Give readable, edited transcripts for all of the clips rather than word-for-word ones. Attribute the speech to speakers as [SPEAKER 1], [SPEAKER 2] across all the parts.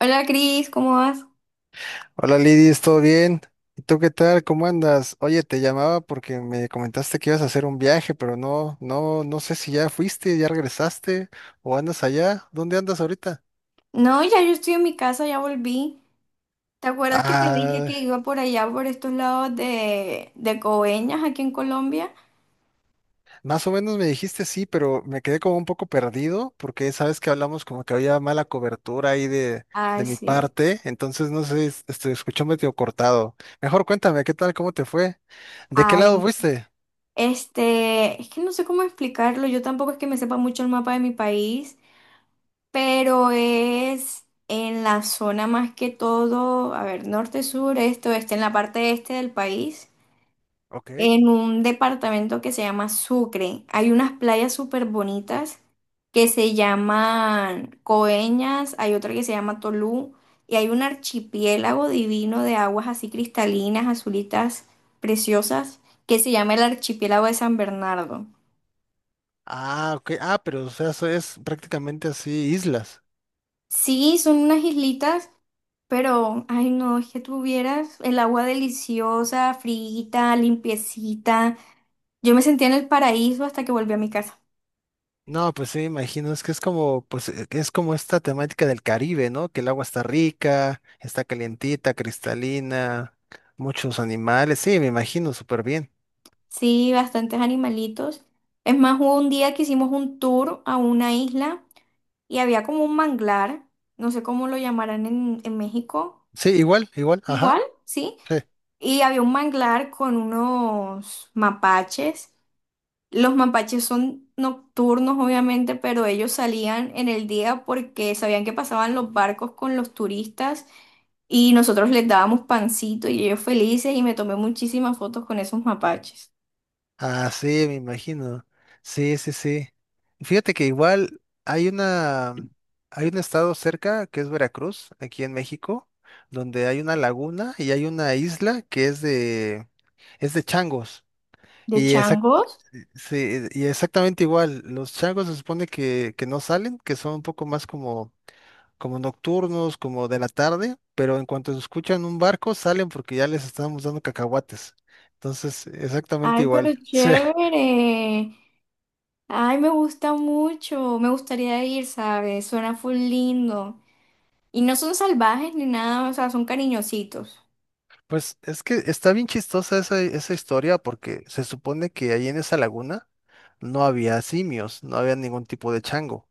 [SPEAKER 1] Hola Cris, ¿cómo vas?
[SPEAKER 2] Hola Lidis, ¿todo bien? ¿Y tú qué tal? ¿Cómo andas? Oye, te llamaba porque me comentaste que ibas a hacer un viaje, pero no sé si ya fuiste, ya regresaste o andas allá. ¿Dónde andas ahorita?
[SPEAKER 1] No, yo estoy en mi casa, ya volví. ¿Te acuerdas que te dije
[SPEAKER 2] Ah,
[SPEAKER 1] que iba por allá, por estos lados de Coveñas, aquí en Colombia?
[SPEAKER 2] más o menos me dijiste sí, pero me quedé como un poco perdido porque sabes que hablamos como que había mala cobertura ahí
[SPEAKER 1] Ay,
[SPEAKER 2] de mi
[SPEAKER 1] sí.
[SPEAKER 2] parte, entonces no sé, este, escuchó medio cortado. Mejor cuéntame, ¿qué tal? ¿Cómo te fue? ¿De qué lado
[SPEAKER 1] Ay,
[SPEAKER 2] fuiste?
[SPEAKER 1] es que no sé cómo explicarlo, yo tampoco es que me sepa mucho el mapa de mi país, pero es en la zona más que todo, a ver, norte, sur, este, oeste, en la parte este del país.
[SPEAKER 2] Ok.
[SPEAKER 1] En un departamento que se llama Sucre. Hay unas playas súper bonitas que se llaman Coeñas, hay otra que se llama Tolú y hay un archipiélago divino de aguas así cristalinas, azulitas, preciosas, que se llama el archipiélago de San Bernardo.
[SPEAKER 2] Ah, ok. Ah, pero o sea, eso es prácticamente así, islas.
[SPEAKER 1] Sí, son unas islitas, pero, ay no, es que tuvieras el agua deliciosa, frita, limpiecita. Yo me sentía en el paraíso hasta que volví a mi casa.
[SPEAKER 2] No, pues sí, me imagino, es que es como, pues, es como esta temática del Caribe, ¿no? Que el agua está rica, está calientita, cristalina, muchos animales. Sí, me imagino, súper bien.
[SPEAKER 1] Sí, bastantes animalitos. Es más, hubo un día que hicimos un tour a una isla y había como un manglar, no sé cómo lo llamarán en México.
[SPEAKER 2] Sí, igual, igual, ajá.
[SPEAKER 1] Igual, sí.
[SPEAKER 2] Sí.
[SPEAKER 1] Y había un manglar con unos mapaches. Los mapaches son nocturnos, obviamente, pero ellos salían en el día porque sabían que pasaban los barcos con los turistas y nosotros les dábamos pancito y ellos felices y me tomé muchísimas fotos con esos mapaches.
[SPEAKER 2] Ah, sí, me imagino. Sí, sí, sí. Fíjate que igual hay un estado cerca que es Veracruz, aquí en México, donde hay una laguna y hay una isla que es es de changos.
[SPEAKER 1] ¿De
[SPEAKER 2] Y exact-
[SPEAKER 1] changos?
[SPEAKER 2] sí, y exactamente igual, los changos se supone que no salen, que son un poco más como, como nocturnos, como de la tarde, pero en cuanto escuchan un barco salen porque ya les estamos dando cacahuates. Entonces, exactamente
[SPEAKER 1] Ay, pero
[SPEAKER 2] igual. Sí.
[SPEAKER 1] chévere. Ay, me gusta mucho. Me gustaría ir, ¿sabes? Suena full lindo. Y no son salvajes ni nada, o sea, son cariñositos.
[SPEAKER 2] Pues es que está bien chistosa esa historia porque se supone que ahí en esa laguna no había simios, no había ningún tipo de chango,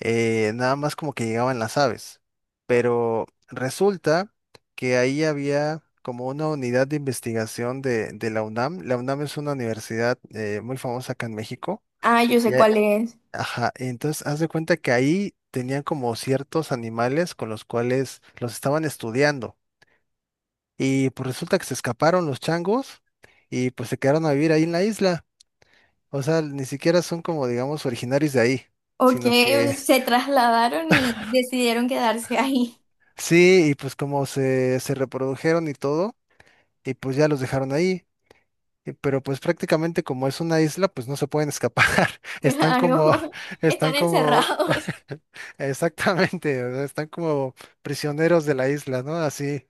[SPEAKER 2] nada más como que llegaban las aves. Pero resulta que ahí había como una unidad de investigación de la UNAM. La UNAM es una universidad muy famosa acá en México.
[SPEAKER 1] Ah, yo
[SPEAKER 2] Y,
[SPEAKER 1] sé
[SPEAKER 2] a-
[SPEAKER 1] cuál es.
[SPEAKER 2] ajá, entonces haz de cuenta que ahí tenían como ciertos animales con los cuales los estaban estudiando. Y pues resulta que se escaparon los changos y pues se quedaron a vivir ahí en la isla. O sea, ni siquiera son como, digamos, originarios de ahí,
[SPEAKER 1] Ok,
[SPEAKER 2] sino que
[SPEAKER 1] se trasladaron y decidieron quedarse ahí.
[SPEAKER 2] sí, y pues como se reprodujeron y todo, y pues ya los dejaron ahí. Y. Pero pues prácticamente como es una isla, pues no se pueden escapar. Están como,
[SPEAKER 1] Claro,
[SPEAKER 2] están
[SPEAKER 1] están
[SPEAKER 2] como,
[SPEAKER 1] encerrados.
[SPEAKER 2] exactamente, o sea, están como prisioneros de la isla, ¿no? Así.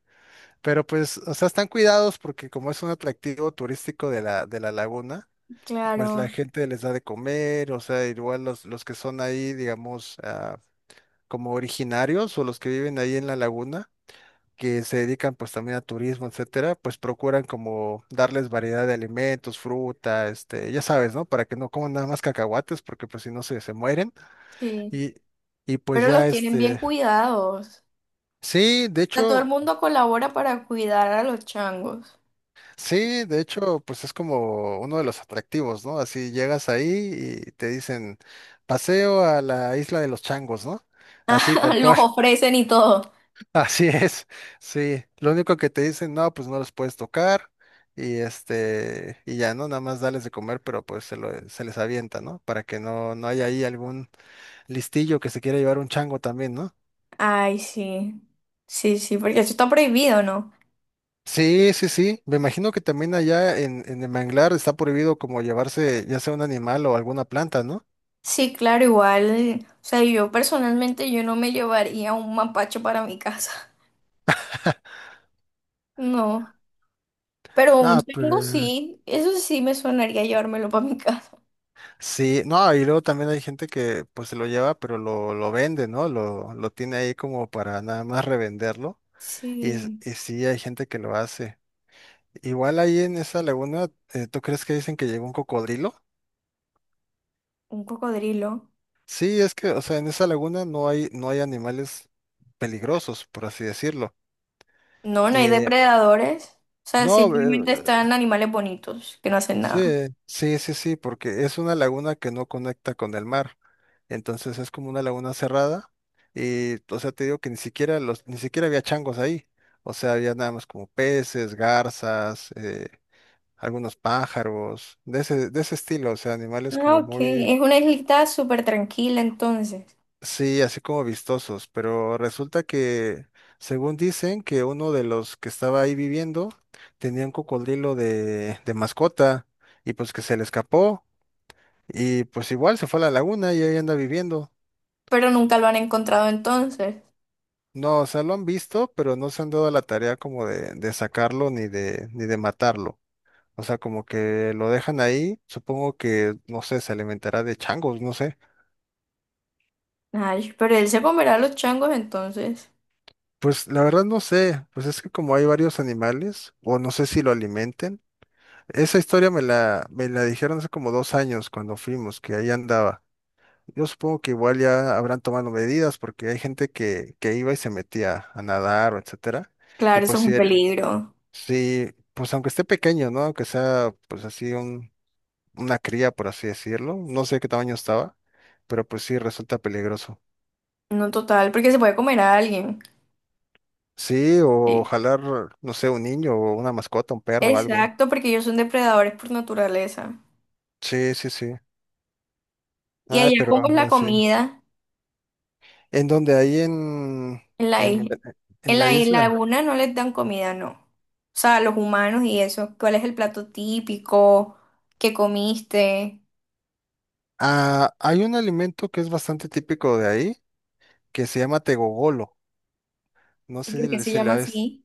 [SPEAKER 2] Pero pues, o sea, están cuidados porque como es un atractivo turístico de de la laguna. Pues
[SPEAKER 1] Claro,
[SPEAKER 2] la gente les da de comer, o sea, igual los que son ahí, digamos, ah, como originarios o los que viven ahí en la laguna, que se dedican pues también a turismo, etcétera, pues procuran como darles variedad de alimentos, fruta, este, ya sabes, ¿no? Para que no coman nada más cacahuates, porque pues si no se mueren.
[SPEAKER 1] sí.
[SPEAKER 2] Y, y pues
[SPEAKER 1] Pero
[SPEAKER 2] ya,
[SPEAKER 1] los tienen bien
[SPEAKER 2] este,
[SPEAKER 1] cuidados.
[SPEAKER 2] sí, de
[SPEAKER 1] O sea, todo el
[SPEAKER 2] hecho.
[SPEAKER 1] mundo colabora para cuidar a los changos.
[SPEAKER 2] Sí, de hecho, pues es como uno de los atractivos, ¿no? Así llegas ahí y te dicen, paseo a la isla de los changos, ¿no? Así, tal
[SPEAKER 1] Los
[SPEAKER 2] cual.
[SPEAKER 1] ofrecen y todo.
[SPEAKER 2] Así es. Sí. Lo único que te dicen, no, pues no los puedes tocar y este, y ya, ¿no? Nada más dales de comer, pero pues se les avienta, ¿no? Para que no, no haya ahí algún listillo que se quiera llevar un chango también, ¿no?
[SPEAKER 1] Ay, sí. Sí, sí, porque eso está prohibido, ¿no?
[SPEAKER 2] Sí, sí, sí. Me imagino que también allá en el manglar está prohibido como llevarse ya sea un animal o alguna planta, ¿no?
[SPEAKER 1] Sí, claro, igual. O sea, yo personalmente yo no me llevaría un mapacho para mi casa. No. Pero un
[SPEAKER 2] Ah,
[SPEAKER 1] chango
[SPEAKER 2] pero
[SPEAKER 1] sí, eso sí me sonaría llevármelo para mi casa.
[SPEAKER 2] sí, no, y luego también hay gente que pues se lo lleva, pero lo vende, ¿no? Lo tiene ahí como para nada más revenderlo. Y, s-
[SPEAKER 1] Sí,
[SPEAKER 2] y sí, hay gente que lo hace. Igual ahí en esa laguna, ¿tú crees que dicen que llegó un cocodrilo?
[SPEAKER 1] un cocodrilo.
[SPEAKER 2] Sí, es que, o sea, en esa laguna no hay animales peligrosos, por así decirlo.
[SPEAKER 1] No, no hay
[SPEAKER 2] Eh,
[SPEAKER 1] depredadores. O sea,
[SPEAKER 2] no,
[SPEAKER 1] simplemente
[SPEAKER 2] eh,
[SPEAKER 1] están animales bonitos que no hacen
[SPEAKER 2] Sí,
[SPEAKER 1] nada.
[SPEAKER 2] sí, sí, sí, porque es una laguna que no conecta con el mar. Entonces es como una laguna cerrada y, o sea, te digo que ni siquiera ni siquiera había changos ahí. O sea, había nada más como peces, garzas, algunos pájaros, de ese estilo, o sea, animales
[SPEAKER 1] Ah,
[SPEAKER 2] como
[SPEAKER 1] ok.
[SPEAKER 2] muy,
[SPEAKER 1] Es una islita súper tranquila entonces.
[SPEAKER 2] sí, así como vistosos. Pero resulta que, según dicen, que uno de los que estaba ahí viviendo tenía un cocodrilo de mascota y pues que se le escapó. Y pues igual se fue a la laguna y ahí anda viviendo.
[SPEAKER 1] Pero nunca lo han encontrado entonces.
[SPEAKER 2] No, o sea, lo han visto, pero no se han dado a la tarea como de sacarlo ni ni de matarlo. O sea, como que lo dejan ahí, supongo que, no sé, se alimentará de changos, no sé.
[SPEAKER 1] Ay, pero él se comerá a los changos entonces.
[SPEAKER 2] Pues la verdad no sé, pues es que como hay varios animales, o no sé si lo alimenten. Esa historia me la dijeron hace como dos años cuando fuimos, que ahí andaba. Yo supongo que igual ya habrán tomado medidas porque hay gente que iba y se metía a nadar o etcétera. Y
[SPEAKER 1] Claro, eso
[SPEAKER 2] pues
[SPEAKER 1] es
[SPEAKER 2] sí,
[SPEAKER 1] un peligro.
[SPEAKER 2] sí, pues aunque esté pequeño, ¿no? Aunque sea pues así un, una cría, por así decirlo. No sé qué tamaño estaba, pero pues sí resulta peligroso.
[SPEAKER 1] No total, porque se puede comer a alguien.
[SPEAKER 2] Sí, o
[SPEAKER 1] Sí.
[SPEAKER 2] jalar, no sé, un niño o una mascota, un perro o algo.
[SPEAKER 1] Exacto, porque ellos son depredadores por naturaleza.
[SPEAKER 2] Sí, sí, sí.
[SPEAKER 1] Y
[SPEAKER 2] Ah,
[SPEAKER 1] allá,
[SPEAKER 2] pero
[SPEAKER 1] ¿cómo es la
[SPEAKER 2] anda, sí.
[SPEAKER 1] comida
[SPEAKER 2] ¿En donde ahí en,
[SPEAKER 1] en la
[SPEAKER 2] en,
[SPEAKER 1] isla?
[SPEAKER 2] en
[SPEAKER 1] En
[SPEAKER 2] la
[SPEAKER 1] la isla
[SPEAKER 2] isla?
[SPEAKER 1] alguna no les dan comida, no. O sea, los humanos y eso. ¿Cuál es el plato típico? ¿Qué comiste?
[SPEAKER 2] Ah, hay un alimento que es bastante típico de ahí, que se llama tegogolo. No
[SPEAKER 1] ¿Y
[SPEAKER 2] sé
[SPEAKER 1] por
[SPEAKER 2] si
[SPEAKER 1] qué
[SPEAKER 2] le,
[SPEAKER 1] se
[SPEAKER 2] si
[SPEAKER 1] llama
[SPEAKER 2] la ves.
[SPEAKER 1] así?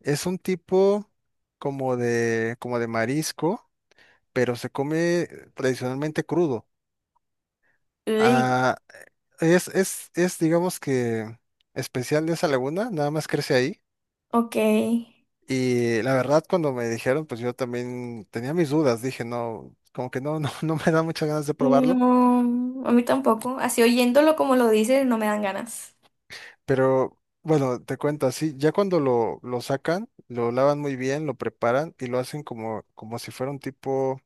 [SPEAKER 2] Es un tipo como como de marisco pero se come tradicionalmente crudo.
[SPEAKER 1] Uy,
[SPEAKER 2] Ah, es, digamos que especial de esa laguna, nada más crece ahí.
[SPEAKER 1] ok.
[SPEAKER 2] Y la verdad, cuando me dijeron, pues yo también tenía mis dudas, dije, no, como que no, no me da muchas ganas de probarlo.
[SPEAKER 1] No, a mí tampoco. Así oyéndolo como lo dices, no me dan ganas.
[SPEAKER 2] Pero bueno, te cuento así, ya cuando lo sacan, lo lavan muy bien, lo preparan y lo hacen como, como si fuera un tipo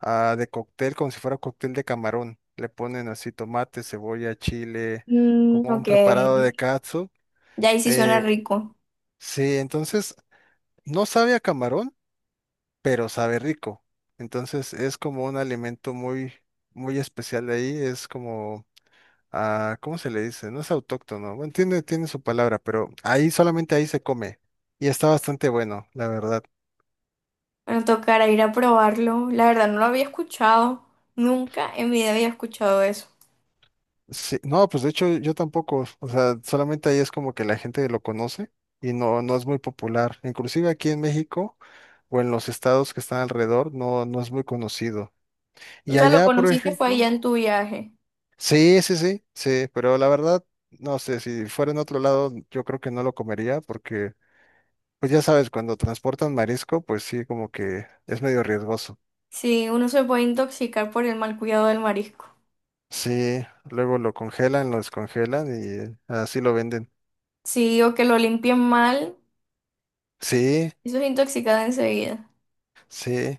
[SPEAKER 2] ah, de cóctel, como si fuera cóctel de camarón. Le ponen así tomate, cebolla, chile,
[SPEAKER 1] Mm,
[SPEAKER 2] como un
[SPEAKER 1] ok.
[SPEAKER 2] preparado de katsu.
[SPEAKER 1] Ya ahí sí suena
[SPEAKER 2] Eh,
[SPEAKER 1] rico.
[SPEAKER 2] sí, entonces no sabe a camarón, pero sabe rico. Entonces es como un alimento muy, muy especial de ahí. Es como, ah, ¿cómo se le dice? No es autóctono. Bueno, tiene su palabra, pero ahí solamente ahí se come. Y está bastante bueno, la verdad.
[SPEAKER 1] Bueno, tocará ir a probarlo. La verdad no lo había escuchado. Nunca en mi vida había escuchado eso.
[SPEAKER 2] Sí, no, pues de hecho yo tampoco, o sea, solamente ahí es como que la gente lo conoce y no, no es muy popular. Inclusive aquí en México o en los estados que están alrededor no, no es muy conocido.
[SPEAKER 1] O
[SPEAKER 2] Y
[SPEAKER 1] sea, lo
[SPEAKER 2] allá, por
[SPEAKER 1] conociste fue allá
[SPEAKER 2] ejemplo,
[SPEAKER 1] en tu viaje.
[SPEAKER 2] sí, sí, sí, sí, pero la verdad, no sé, si fuera en otro lado, yo creo que no lo comería porque, pues ya sabes, cuando transportan marisco, pues sí, como que es medio riesgoso.
[SPEAKER 1] Sí, uno se puede intoxicar por el mal cuidado del marisco.
[SPEAKER 2] Sí, luego lo congelan, lo descongelan y así lo venden.
[SPEAKER 1] Sí, o que lo limpien mal,
[SPEAKER 2] Sí,
[SPEAKER 1] eso es intoxicado enseguida.
[SPEAKER 2] sí.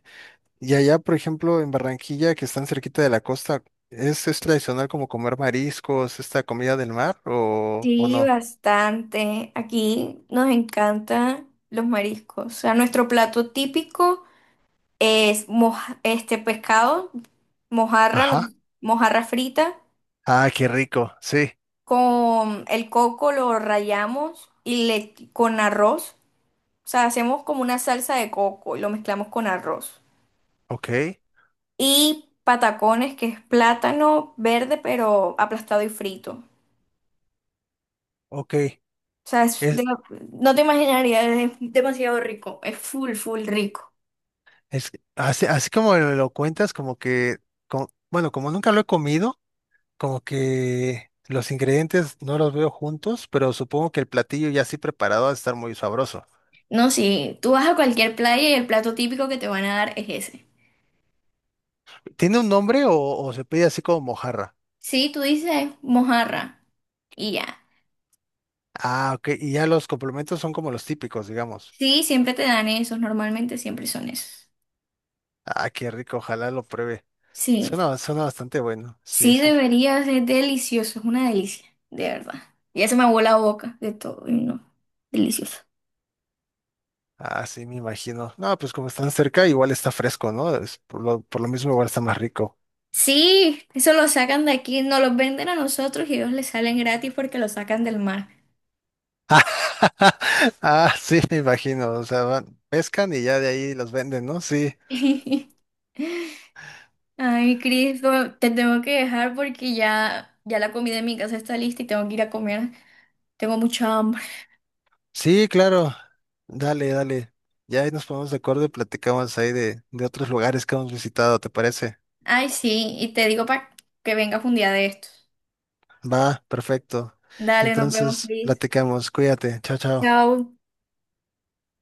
[SPEAKER 2] Y allá, por ejemplo, en Barranquilla, que están cerquita de la costa, ¿es tradicional como comer mariscos, esta comida del mar o
[SPEAKER 1] Sí,
[SPEAKER 2] no?
[SPEAKER 1] bastante. Aquí nos encantan los mariscos. O sea, nuestro plato típico es pescado, mojarra, no-
[SPEAKER 2] Ajá.
[SPEAKER 1] mojarra frita.
[SPEAKER 2] Ah, qué rico. Sí.
[SPEAKER 1] Con el coco lo rallamos y le con arroz. O sea, hacemos como una salsa de coco y lo mezclamos con arroz.
[SPEAKER 2] Ok.
[SPEAKER 1] Y patacones, que es plátano verde, pero aplastado y frito.
[SPEAKER 2] Ok.
[SPEAKER 1] O sea,
[SPEAKER 2] Es,
[SPEAKER 1] no te imaginarías, es demasiado rico. Es full, full rico.
[SPEAKER 2] es así, así como me lo cuentas, como que, bueno, como nunca lo he comido, como que los ingredientes no los veo juntos, pero supongo que el platillo ya así preparado va a estar muy sabroso.
[SPEAKER 1] No, sí, tú vas a cualquier playa y el plato típico que te van a dar es ese.
[SPEAKER 2] ¿Tiene un nombre o se pide así como mojarra?
[SPEAKER 1] Sí, tú dices mojarra y ya.
[SPEAKER 2] Ah, ok. Y ya los complementos son como los típicos, digamos.
[SPEAKER 1] Sí, siempre te dan esos, normalmente siempre son esos.
[SPEAKER 2] Ah, qué rico, ojalá lo pruebe.
[SPEAKER 1] Sí.
[SPEAKER 2] Suena, suena bastante bueno, sí,
[SPEAKER 1] Sí,
[SPEAKER 2] sí.
[SPEAKER 1] deberías. Es delicioso, es una delicia, de verdad. Ya se me aguó la boca de todo, y no, delicioso.
[SPEAKER 2] Ah, sí, me imagino. No, pues como están cerca, igual está fresco, ¿no? Es por por lo mismo igual está más rico.
[SPEAKER 1] Sí, eso lo sacan de aquí, nos los venden a nosotros y ellos les salen gratis porque lo sacan del mar.
[SPEAKER 2] Ah, sí, me imagino. O sea, van pescan y ya de ahí los venden, ¿no? Sí,
[SPEAKER 1] Ay, Cristo, te tengo que dejar porque ya la comida en mi casa está lista y tengo que ir a comer. Tengo mucha hambre.
[SPEAKER 2] sí, claro. Dale, dale. Ya ahí nos ponemos de acuerdo y platicamos ahí de otros lugares que hemos visitado, ¿te parece?
[SPEAKER 1] Ay, sí, y te digo para que vengas un día de estos.
[SPEAKER 2] Va, perfecto.
[SPEAKER 1] Dale, nos vemos,
[SPEAKER 2] Entonces,
[SPEAKER 1] Cris.
[SPEAKER 2] platicamos. Cuídate. Chao, chao.
[SPEAKER 1] Chao.